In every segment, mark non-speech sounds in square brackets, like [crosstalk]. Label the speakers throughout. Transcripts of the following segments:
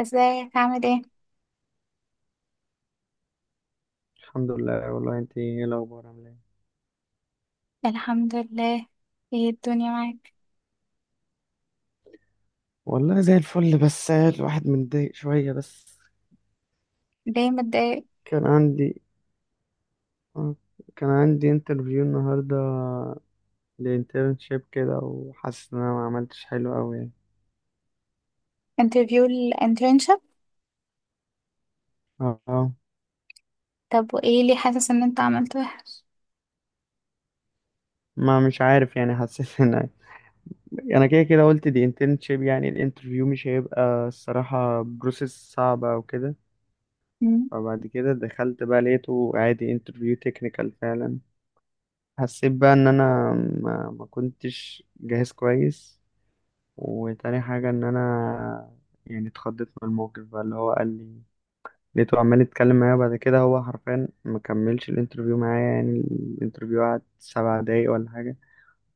Speaker 1: ازيك عامل ايه؟
Speaker 2: الحمد لله. والله انت ايه الاخبار، عامله ايه؟
Speaker 1: الحمد لله. ايه الدنيا معاك؟
Speaker 2: والله زي الفل، بس الواحد متضايق شوية بس.
Speaker 1: ليه متضايق؟
Speaker 2: كان عندي آه، كان عندي انترفيو النهاردة لانترنشيب كده، وحاسس ان انا ما عملتش حلو قوي يعني.
Speaker 1: انترفيو الانترنشب؟
Speaker 2: اه آه،
Speaker 1: طب وايه اللي حاسس ان انت عملت وحش؟
Speaker 2: ما مش عارف يعني، حسيت ان انا كده كده قلت دي انترنشيب، يعني الانترفيو مش هيبقى الصراحة بروسيس صعبة او كده.
Speaker 1: مم.
Speaker 2: فبعد كده دخلت بقى لقيته عادي انترفيو تكنيكال فعلا. حسيت بقى ان انا ما كنتش جاهز كويس، وتاني حاجة إن أنا يعني اتخضيت من الموقف بقى اللي هو قال لي. لقيته عمال يتكلم معايا، بعد كده هو حرفيا ما كملش الانترفيو معايا يعني. الانترفيو قعد سبع دقايق ولا حاجة.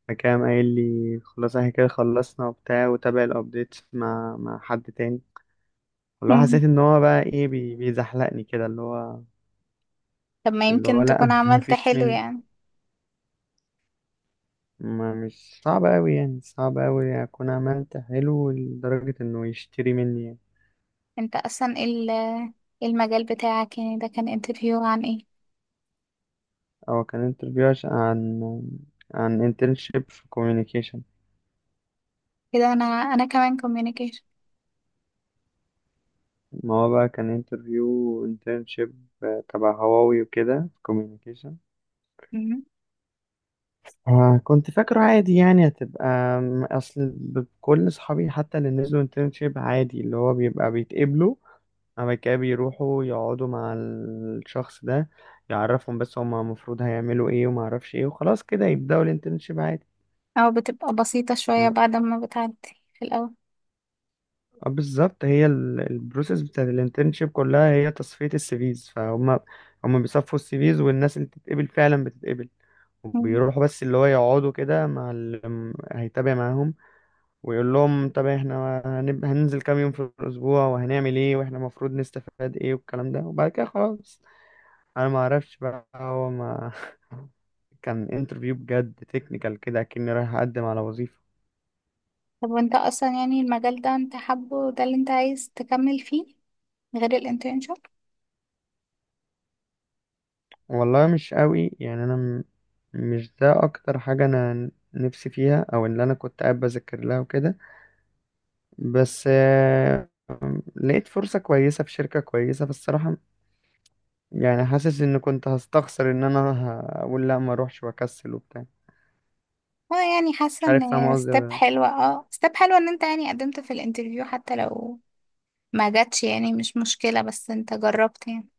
Speaker 2: فكان قايل لي خلاص احنا كده خلصنا وبتاع، وتابع الابديت مع حد تاني، واللي هو
Speaker 1: مم.
Speaker 2: حسيت ان هو بقى ايه، بيزحلقني كده اللي هو.
Speaker 1: طب ما
Speaker 2: اللي هو
Speaker 1: يمكن
Speaker 2: لا
Speaker 1: تكون
Speaker 2: [laughs]
Speaker 1: عملت
Speaker 2: مفيش
Speaker 1: حلو
Speaker 2: مني.
Speaker 1: يعني.
Speaker 2: ما مش صعب قوي يعني، صعب قوي اكون عملت حلو لدرجة انه يشتري مني يعني.
Speaker 1: انت اصلا ايه المجال بتاعك يعني ده كان انترفيو عن ايه؟
Speaker 2: هو كان انترفيو عشان عن انترنشيب في كوميونيكيشن.
Speaker 1: كده، انا كمان communication.
Speaker 2: ما هو بقى كان انترفيو انترنشيب تبع هواوي وكده في كوميونيكيشن.
Speaker 1: مم.
Speaker 2: آه، كنت فاكره عادي يعني هتبقى اصل كل اصحابي حتى اللي نزلوا انترنشيب عادي اللي هو بيبقى بيتقبلوا، بعد كده بيروحوا يقعدوا مع الشخص ده يعرفهم بس هما المفروض هيعملوا ايه، وما اعرفش ايه، وخلاص كده يبدأوا الانترنشيب عادي.
Speaker 1: او بتبقى بسيطة شوية بعد ما بتعدي في الاول.
Speaker 2: آه، بالظبط، هي البروسيس بتاعت الانترنشيب كلها هي تصفية السيفيز. هم بيصفوا السيفيز، والناس اللي تتقبل فعلا بتتقبل،
Speaker 1: مم.
Speaker 2: وبيروحوا بس اللي هو يقعدوا كده مع اللي هيتابع معاهم، ويقول لهم طب احنا هننزل كام يوم في الأسبوع وهنعمل ايه، واحنا المفروض نستفاد ايه، والكلام ده. وبعد كده خلاص، انا ما اعرفش بقى هو ما [laughs] كان انترفيو بجد تكنيكال كده، كأني رايح اقدم على وظيفة.
Speaker 1: طب وانت اصلا يعني المجال ده انت حابه، ده اللي انت عايز تكمل فيه غير الانترنشب؟
Speaker 2: والله مش قوي يعني، انا مش ده اكتر حاجة انا نفسي فيها، او اللي انا كنت قاعد بذاكر لها وكده. بس آه، لقيت فرصة كويسة في شركة كويسة، فالصراحة يعني حاسس ان كنت هستخسر ان انا اقول لا ما اروحش واكسل وبتاع.
Speaker 1: اه، يعني حاسة
Speaker 2: مش عارف، فاهم
Speaker 1: ان
Speaker 2: قصدي ولا
Speaker 1: ستيب
Speaker 2: لا؟
Speaker 1: حلوة اه ستيب حلوة ان انت يعني قدمت في الانترفيو حتى لو ما جاتش، يعني مش مشكلة بس انت جربت يعني.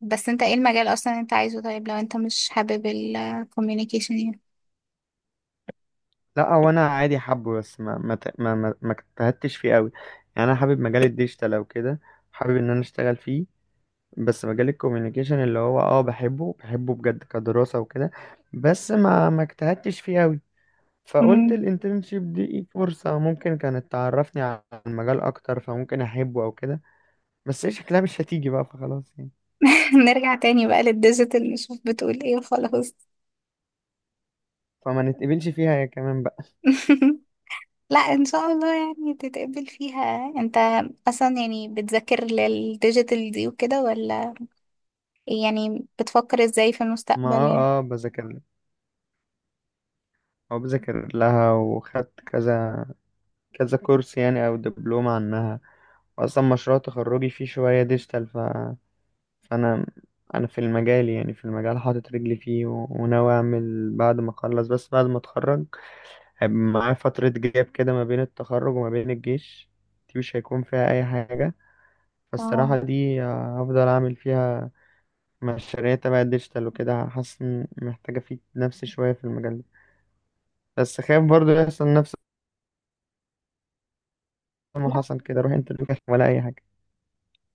Speaker 1: بس انت ايه المجال اصلا انت عايزه؟ طيب لو انت مش حابب الكوميونيكيشن يعني؟
Speaker 2: لا، هو انا عادي حابه، بس ما ما ت- ما ما ما اجتهدتش فيه قوي. يعني انا حابب مجال الديجيتال او كده، حابب ان انا اشتغل فيه. بس مجال الكوميونيكيشن اللي هو اه، بحبه بجد كدراسة وكده، بس ما اجتهدتش فيه قوي. فقلت
Speaker 1: مم.
Speaker 2: الانترنشيب دي إيه، فرصة ممكن كانت تعرفني عن المجال اكتر، فممكن احبه او كده. بس هي شكلها مش هتيجي بقى، فخلاص يعني،
Speaker 1: [laughs] نرجع تاني بقى للديجيتال نشوف بتقول ايه وخلاص.
Speaker 2: فما نتقبلش فيها يا كمان بقى.
Speaker 1: [laughs] لا ان شاء الله يعني تتقبل فيها. انت اصلا يعني بتذاكر للديجيتال دي وكده، ولا يعني بتفكر ازاي في
Speaker 2: ما
Speaker 1: المستقبل يعني؟
Speaker 2: اه بذاكر لها، او بذاكر لها وخدت كذا كورس يعني، او دبلوم عنها. اصلا مشروع تخرجي فيه شوية ديجيتال. فانا انا في المجال، يعني في المجال حاطط رجلي فيه، وناوي اعمل بعد ما اخلص، بس بعد ما اتخرج هيبقى معايا فترة جاب كده ما بين التخرج وما بين الجيش. دي مش هيكون فيها اي حاجة،
Speaker 1: اه،
Speaker 2: فالصراحة دي آه، هفضل اعمل فيها مشاريع تبع الديجيتال وكده. حاسس إن محتاجة افيد نفسي شوية في المجال ده، بس خايف برضو يحصل نفس ما حصل كده، اروح انترفيو ولا اي حاجة.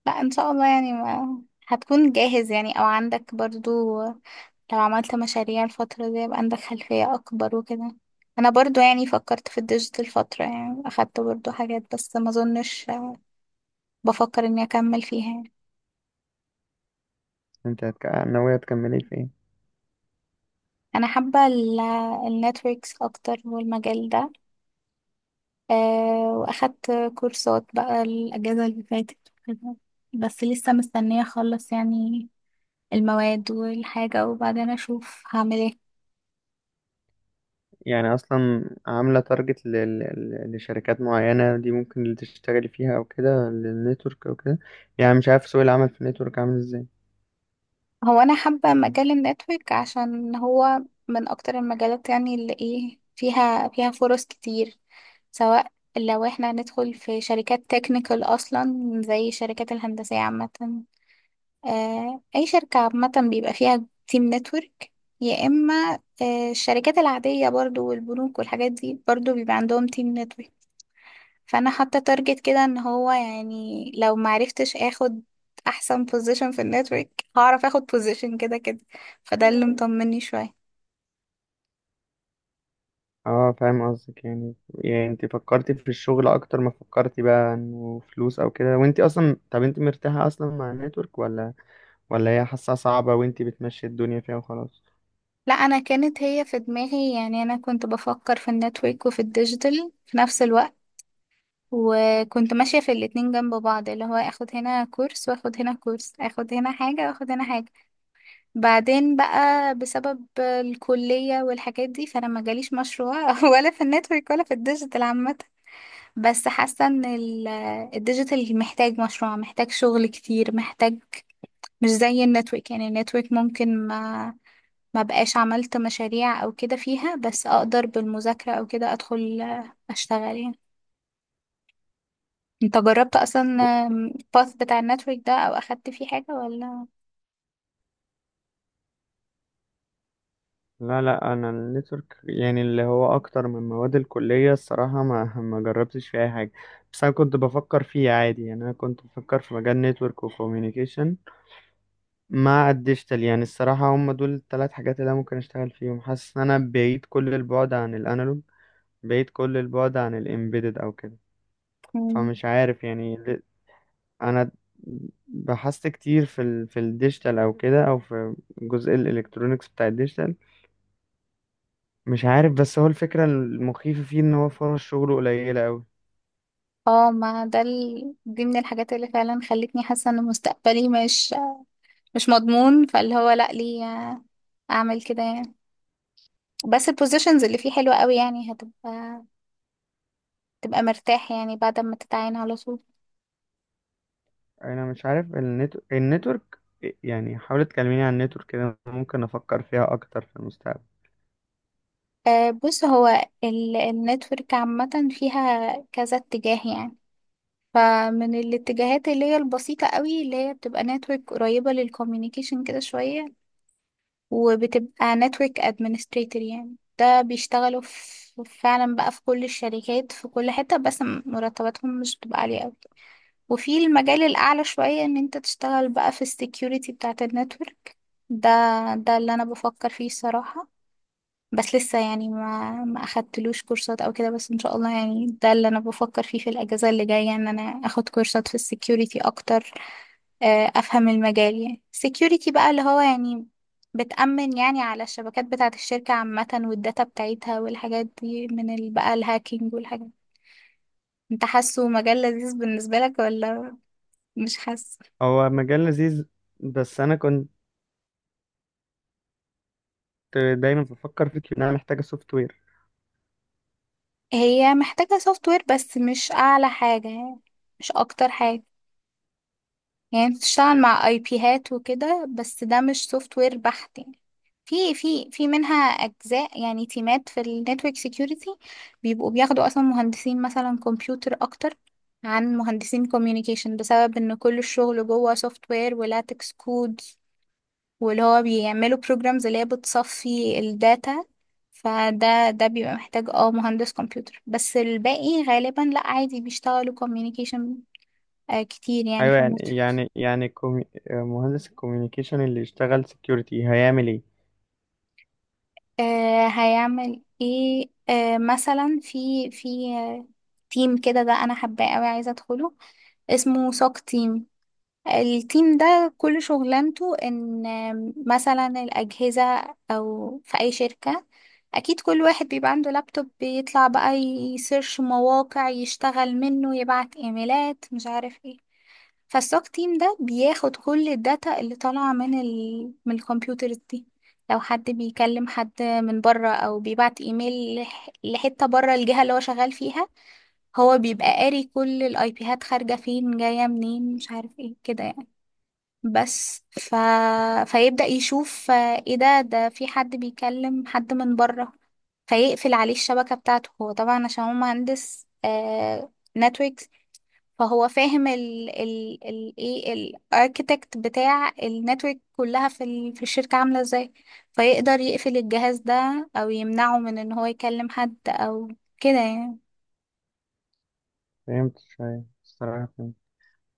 Speaker 1: لا ان شاء الله يعني، ما هتكون جاهز يعني او عندك برضو، لو عملت مشاريع الفترة دي يبقى عندك خلفية اكبر وكده. انا برضو يعني فكرت في الديجيتال فترة، يعني اخدت برضو حاجات، بس ما اظنش بفكر اني اكمل فيها يعني.
Speaker 2: انت ناوية تكملي في ايه؟
Speaker 1: انا حابة النتوركس اكتر والمجال ده. أه، واخدت كورسات بقى الاجازة اللي فاتت وكده. بس لسه مستنية اخلص يعني المواد والحاجة، وبعدين اشوف هعمل ايه.
Speaker 2: يعني اصلا عامله تارجت لشركات معينه دي ممكن اللي تشتغلي فيها او كده، للنتورك او كده؟ يعني مش عارف سوق العمل في النتورك عامل ازاي.
Speaker 1: هو انا حابه مجال النتورك عشان هو من اكتر المجالات، يعني اللي ايه فيها فرص كتير. سواء لو احنا ندخل في شركات تكنيكال اصلا، زي الشركات الهندسيه عامه، اي شركه عامه بيبقى فيها تيم نتورك، يا اما الشركات العاديه برضو والبنوك والحاجات دي برضو بيبقى عندهم تيم نتورك. فانا حاطه تارجت كده ان هو يعني، لو معرفتش اخد احسن بوزيشن في النتورك، هعرف اخد بوزيشن كده كده. فده اللي مطمني شويه.
Speaker 2: اه، فاهم قصدك يعني. يعني انت فكرتي في الشغل اكتر ما فكرتي بقى انه فلوس او كده. وانت اصلا، طب انت مرتاحه اصلا مع النتورك، ولا هي حاسه صعبه وانت بتمشي الدنيا فيها وخلاص؟
Speaker 1: لا، انا كانت هي في دماغي يعني، انا كنت بفكر في النتورك وفي الديجيتال في نفس الوقت، وكنت ماشيه في الاتنين جنب بعض، اللي هو اخد هنا كورس واخد هنا كورس، اخد هنا حاجه واخد هنا حاجه. بعدين بقى بسبب الكليه والحاجات دي، فانا ما جاليش مشروع [laughs] ولا في النتورك ولا في الديجيتال عامه. بس حاسة ان الديجيتال محتاج مشروع، محتاج شغل كتير، محتاج مش زي النتورك. يعني النتورك ممكن ما بقاش عملت مشاريع او كده فيها، بس اقدر بالمذاكرة او كده ادخل اشتغل يعني. انت جربت اصلا الباث بتاع النتورك ده او اخدت فيه حاجة ولا؟
Speaker 2: لا انا النتورك يعني اللي هو اكتر من مواد الكليه الصراحه ما [laughs] ما جربتش في اي حاجه. بس انا كنت بفكر فيه عادي، يعني انا كنت بفكر في مجال نتورك وكوميونيكيشن مع الديجيتال. يعني الصراحه هم دول الثلاث حاجات اللي انا ممكن اشتغل فيهم. حاسس ان انا بعيد كل البعد عن الانالوج، بعيد كل البعد عن الامبيدد او كده.
Speaker 1: مم.
Speaker 2: فمش عارف يعني انا بحثت كتير في في الديجيتال او كده، او في جزء الالكترونيكس بتاع الديجيتال. مش عارف، بس هو الفكرة المخيفة فيه ان هو فرص شغله قليلة اوي.
Speaker 1: اه، ما ده دي من الحاجات اللي فعلا خلتني حاسة ان مستقبلي مش مضمون. فاللي هو لا، ليه اعمل كده يعني. بس البوزيشنز اللي فيه حلوة قوي، يعني تبقى مرتاح يعني بعد ما تتعين على طول.
Speaker 2: انا مش عارف النتورك يعني. حاولت تكلميني عن النتورك كده، ممكن افكر فيها اكتر في المستقبل.
Speaker 1: بص، هو النتورك عامة فيها كذا اتجاه يعني. فمن الاتجاهات اللي هي البسيطة قوي، اللي هي بتبقى نتورك قريبة للكوميونيكيشن كده شوية، وبتبقى نتورك ادمنستريتور. يعني ده بيشتغلوا في فعلا بقى في كل الشركات، في كل حتة، بس مرتباتهم مش بتبقى عالية قوي. وفي المجال الأعلى شوية، إن أنت تشتغل بقى في السكيورتي بتاعة النتورك، ده ده اللي أنا بفكر فيه الصراحة. بس لسه يعني ما اخدتلوش كورسات او كده، بس ان شاء الله يعني، ده اللي انا بفكر فيه في الاجازه اللي جايه، ان انا اخد كورسات في السكيورتي اكتر. افهم المجال يعني السكيورتي بقى، اللي هو يعني بتأمن يعني على الشبكات بتاعه الشركه عامه، والداتا بتاعتها، والحاجات دي من بقى الهاكينج والحاجات دي. انت حاسه مجال لذيذ بالنسبه لك، ولا مش حاسه؟
Speaker 2: هو مجال لذيذ، بس انا كنت دايما بفكر فيه ان انا محتاجة سوفت وير.
Speaker 1: هي محتاجه سوفت وير، بس مش اعلى حاجه يعني، مش اكتر حاجه. يعني انت بتشتغل مع اي بيهات وكده، بس ده مش سوفت وير بحت يعني. في منها اجزاء، يعني تيمات في النتورك سيكيورتي بيبقوا بياخدوا اصلا مهندسين مثلا كمبيوتر اكتر عن مهندسين كوميونيكيشن، بسبب ان كل الشغل جوه سوفت وير ولاتكس كود، واللي هو بيعملوا بروجرامز اللي هي بتصفي الداتا. فده بيبقى محتاج مهندس كمبيوتر، بس الباقي غالبا لا، عادي بيشتغلوا كوميونيكيشن كتير يعني
Speaker 2: ايوه
Speaker 1: في
Speaker 2: يعني
Speaker 1: النتورك.
Speaker 2: مهندس الكوميونيكيشن اللي يشتغل سكيورتي هيعمل ايه؟
Speaker 1: آه، هيعمل ايه. مثلا في آه، تيم كده، ده انا حباه قوي، عايزه ادخله، اسمه سوك تيم. التيم ده كل شغلانته ان مثلا الاجهزه، او في اي شركه، اكيد كل واحد بيبقى عنده لابتوب، بيطلع بقى يسيرش مواقع، يشتغل منه، يبعت ايميلات، مش عارف ايه. فالسوك تيم ده بياخد كل الداتا اللي طالعة من الكمبيوترز دي. لو حد بيكلم حد من بره، او بيبعت ايميل لحتة بره الجهة اللي هو شغال فيها، هو بيبقى قاري كل الاي بيهات، خارجة فين، جاية منين، مش عارف ايه كده يعني. بس ف... فيبدأ يشوف، ايه ده في حد بيكلم حد من بره، فيقفل عليه الشبكة بتاعته. هو طبعا عشان هو مهندس. فهو فاهم ال ال ال ايه الاركيتكت بتاع النتورك كلها في الشركة عاملة ازاي، فيقدر يقفل الجهاز ده او يمنعه من ان هو يكلم حد او كده يعني.
Speaker 2: فهمت شوية الصراحة، فهمت.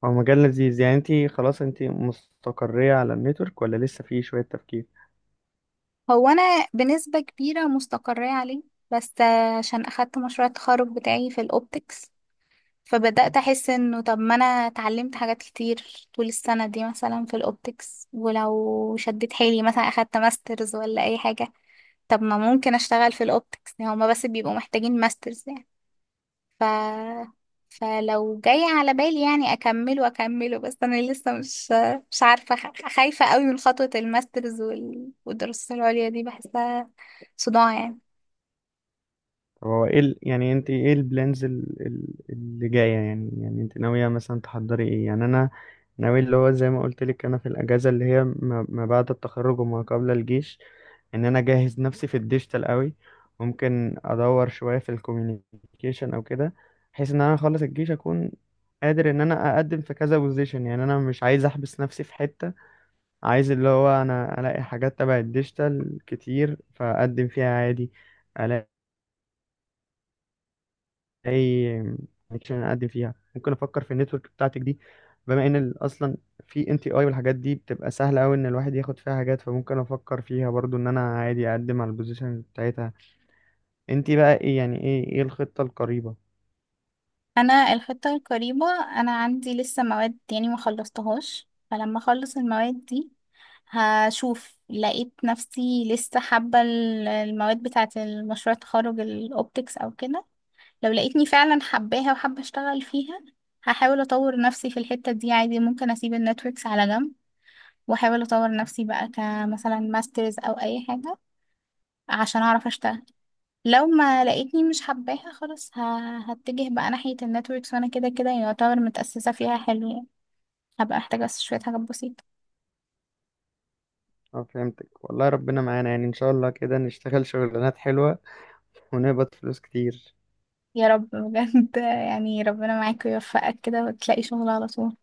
Speaker 2: هو مجال لذيذ يعني. انتي خلاص انتي مستقرية على النتورك، ولا لسه فيه شوية تفكير؟
Speaker 1: هو انا بنسبة كبيرة مستقرة عليه، بس عشان اخدت مشروع التخرج بتاعي في الاوبتكس، فبدأت احس انه طب ما انا اتعلمت حاجات كتير طول السنة دي، مثلا في الاوبتكس، ولو شديت حيلي مثلا اخدت ماسترز ولا اي حاجة، طب ما ممكن اشتغل في الاوبتكس، يعني هما بس بيبقوا محتاجين ماسترز يعني. ف فلو جاي على بالي يعني اكمله اكمله، بس انا لسه مش عارفه، خايفه قوي من خطوه الماسترز والدراسات العليا دي، بحسها صداع يعني.
Speaker 2: طب هو ايه يعني انت ايه البلانز اللي جايه؟ يعني يعني انت ناويه مثلا تحضري ايه؟ يعني انا ناوي اللي هو زي ما قلت لك، انا في الاجازه اللي هي ما بعد التخرج وما قبل الجيش، ان انا اجهز نفسي في الديجيتال قوي. ممكن ادور شويه في الكوميونيكيشن او كده، بحيث ان انا اخلص الجيش اكون قادر ان انا اقدم في كذا بوزيشن. يعني انا مش عايز احبس نفسي في حته، عايز اللي هو انا الاقي حاجات تبع الديجيتال كتير فاقدم فيها عادي. الاقي اي كونكشن اقدم فيها. ممكن افكر في النتورك بتاعتك دي، بما ان اصلا في NTI والحاجات دي بتبقى سهله قوي ان الواحد ياخد فيها حاجات، فممكن افكر فيها برضو ان انا عادي اقدم على البوزيشن بتاعتها. انت بقى ايه يعني، ايه الخطه القريبه؟
Speaker 1: انا الخطه القريبه، انا عندي لسه مواد يعني ما خلصتهاش، فلما اخلص المواد دي، هشوف لقيت نفسي لسه حابه المواد بتاعه المشروع التخرج الاوبتكس او كده، لو لقيتني فعلا حباها وحابة اشتغل فيها، هحاول اطور نفسي في الحتة دي عادي، ممكن اسيب النتوركس على جنب، واحاول اطور نفسي بقى كمثلا ماسترز او اي حاجة عشان اعرف اشتغل. لو ما لقيتني مش حباها، خلاص هتجه بقى ناحية النتوركس، وانا كده كده يعتبر متأسسة فيها حلو يعني، هبقى محتاجة بس شوية حاجات بسيطة.
Speaker 2: اه، فهمتك. والله ربنا معانا يعني، ان شاء الله كده نشتغل شغلانات حلوه ونقبض فلوس كتير.
Speaker 1: يا رب بجد، [laughs] يعني ربنا معاك ويوفقك كده وتلاقي شغل على طول.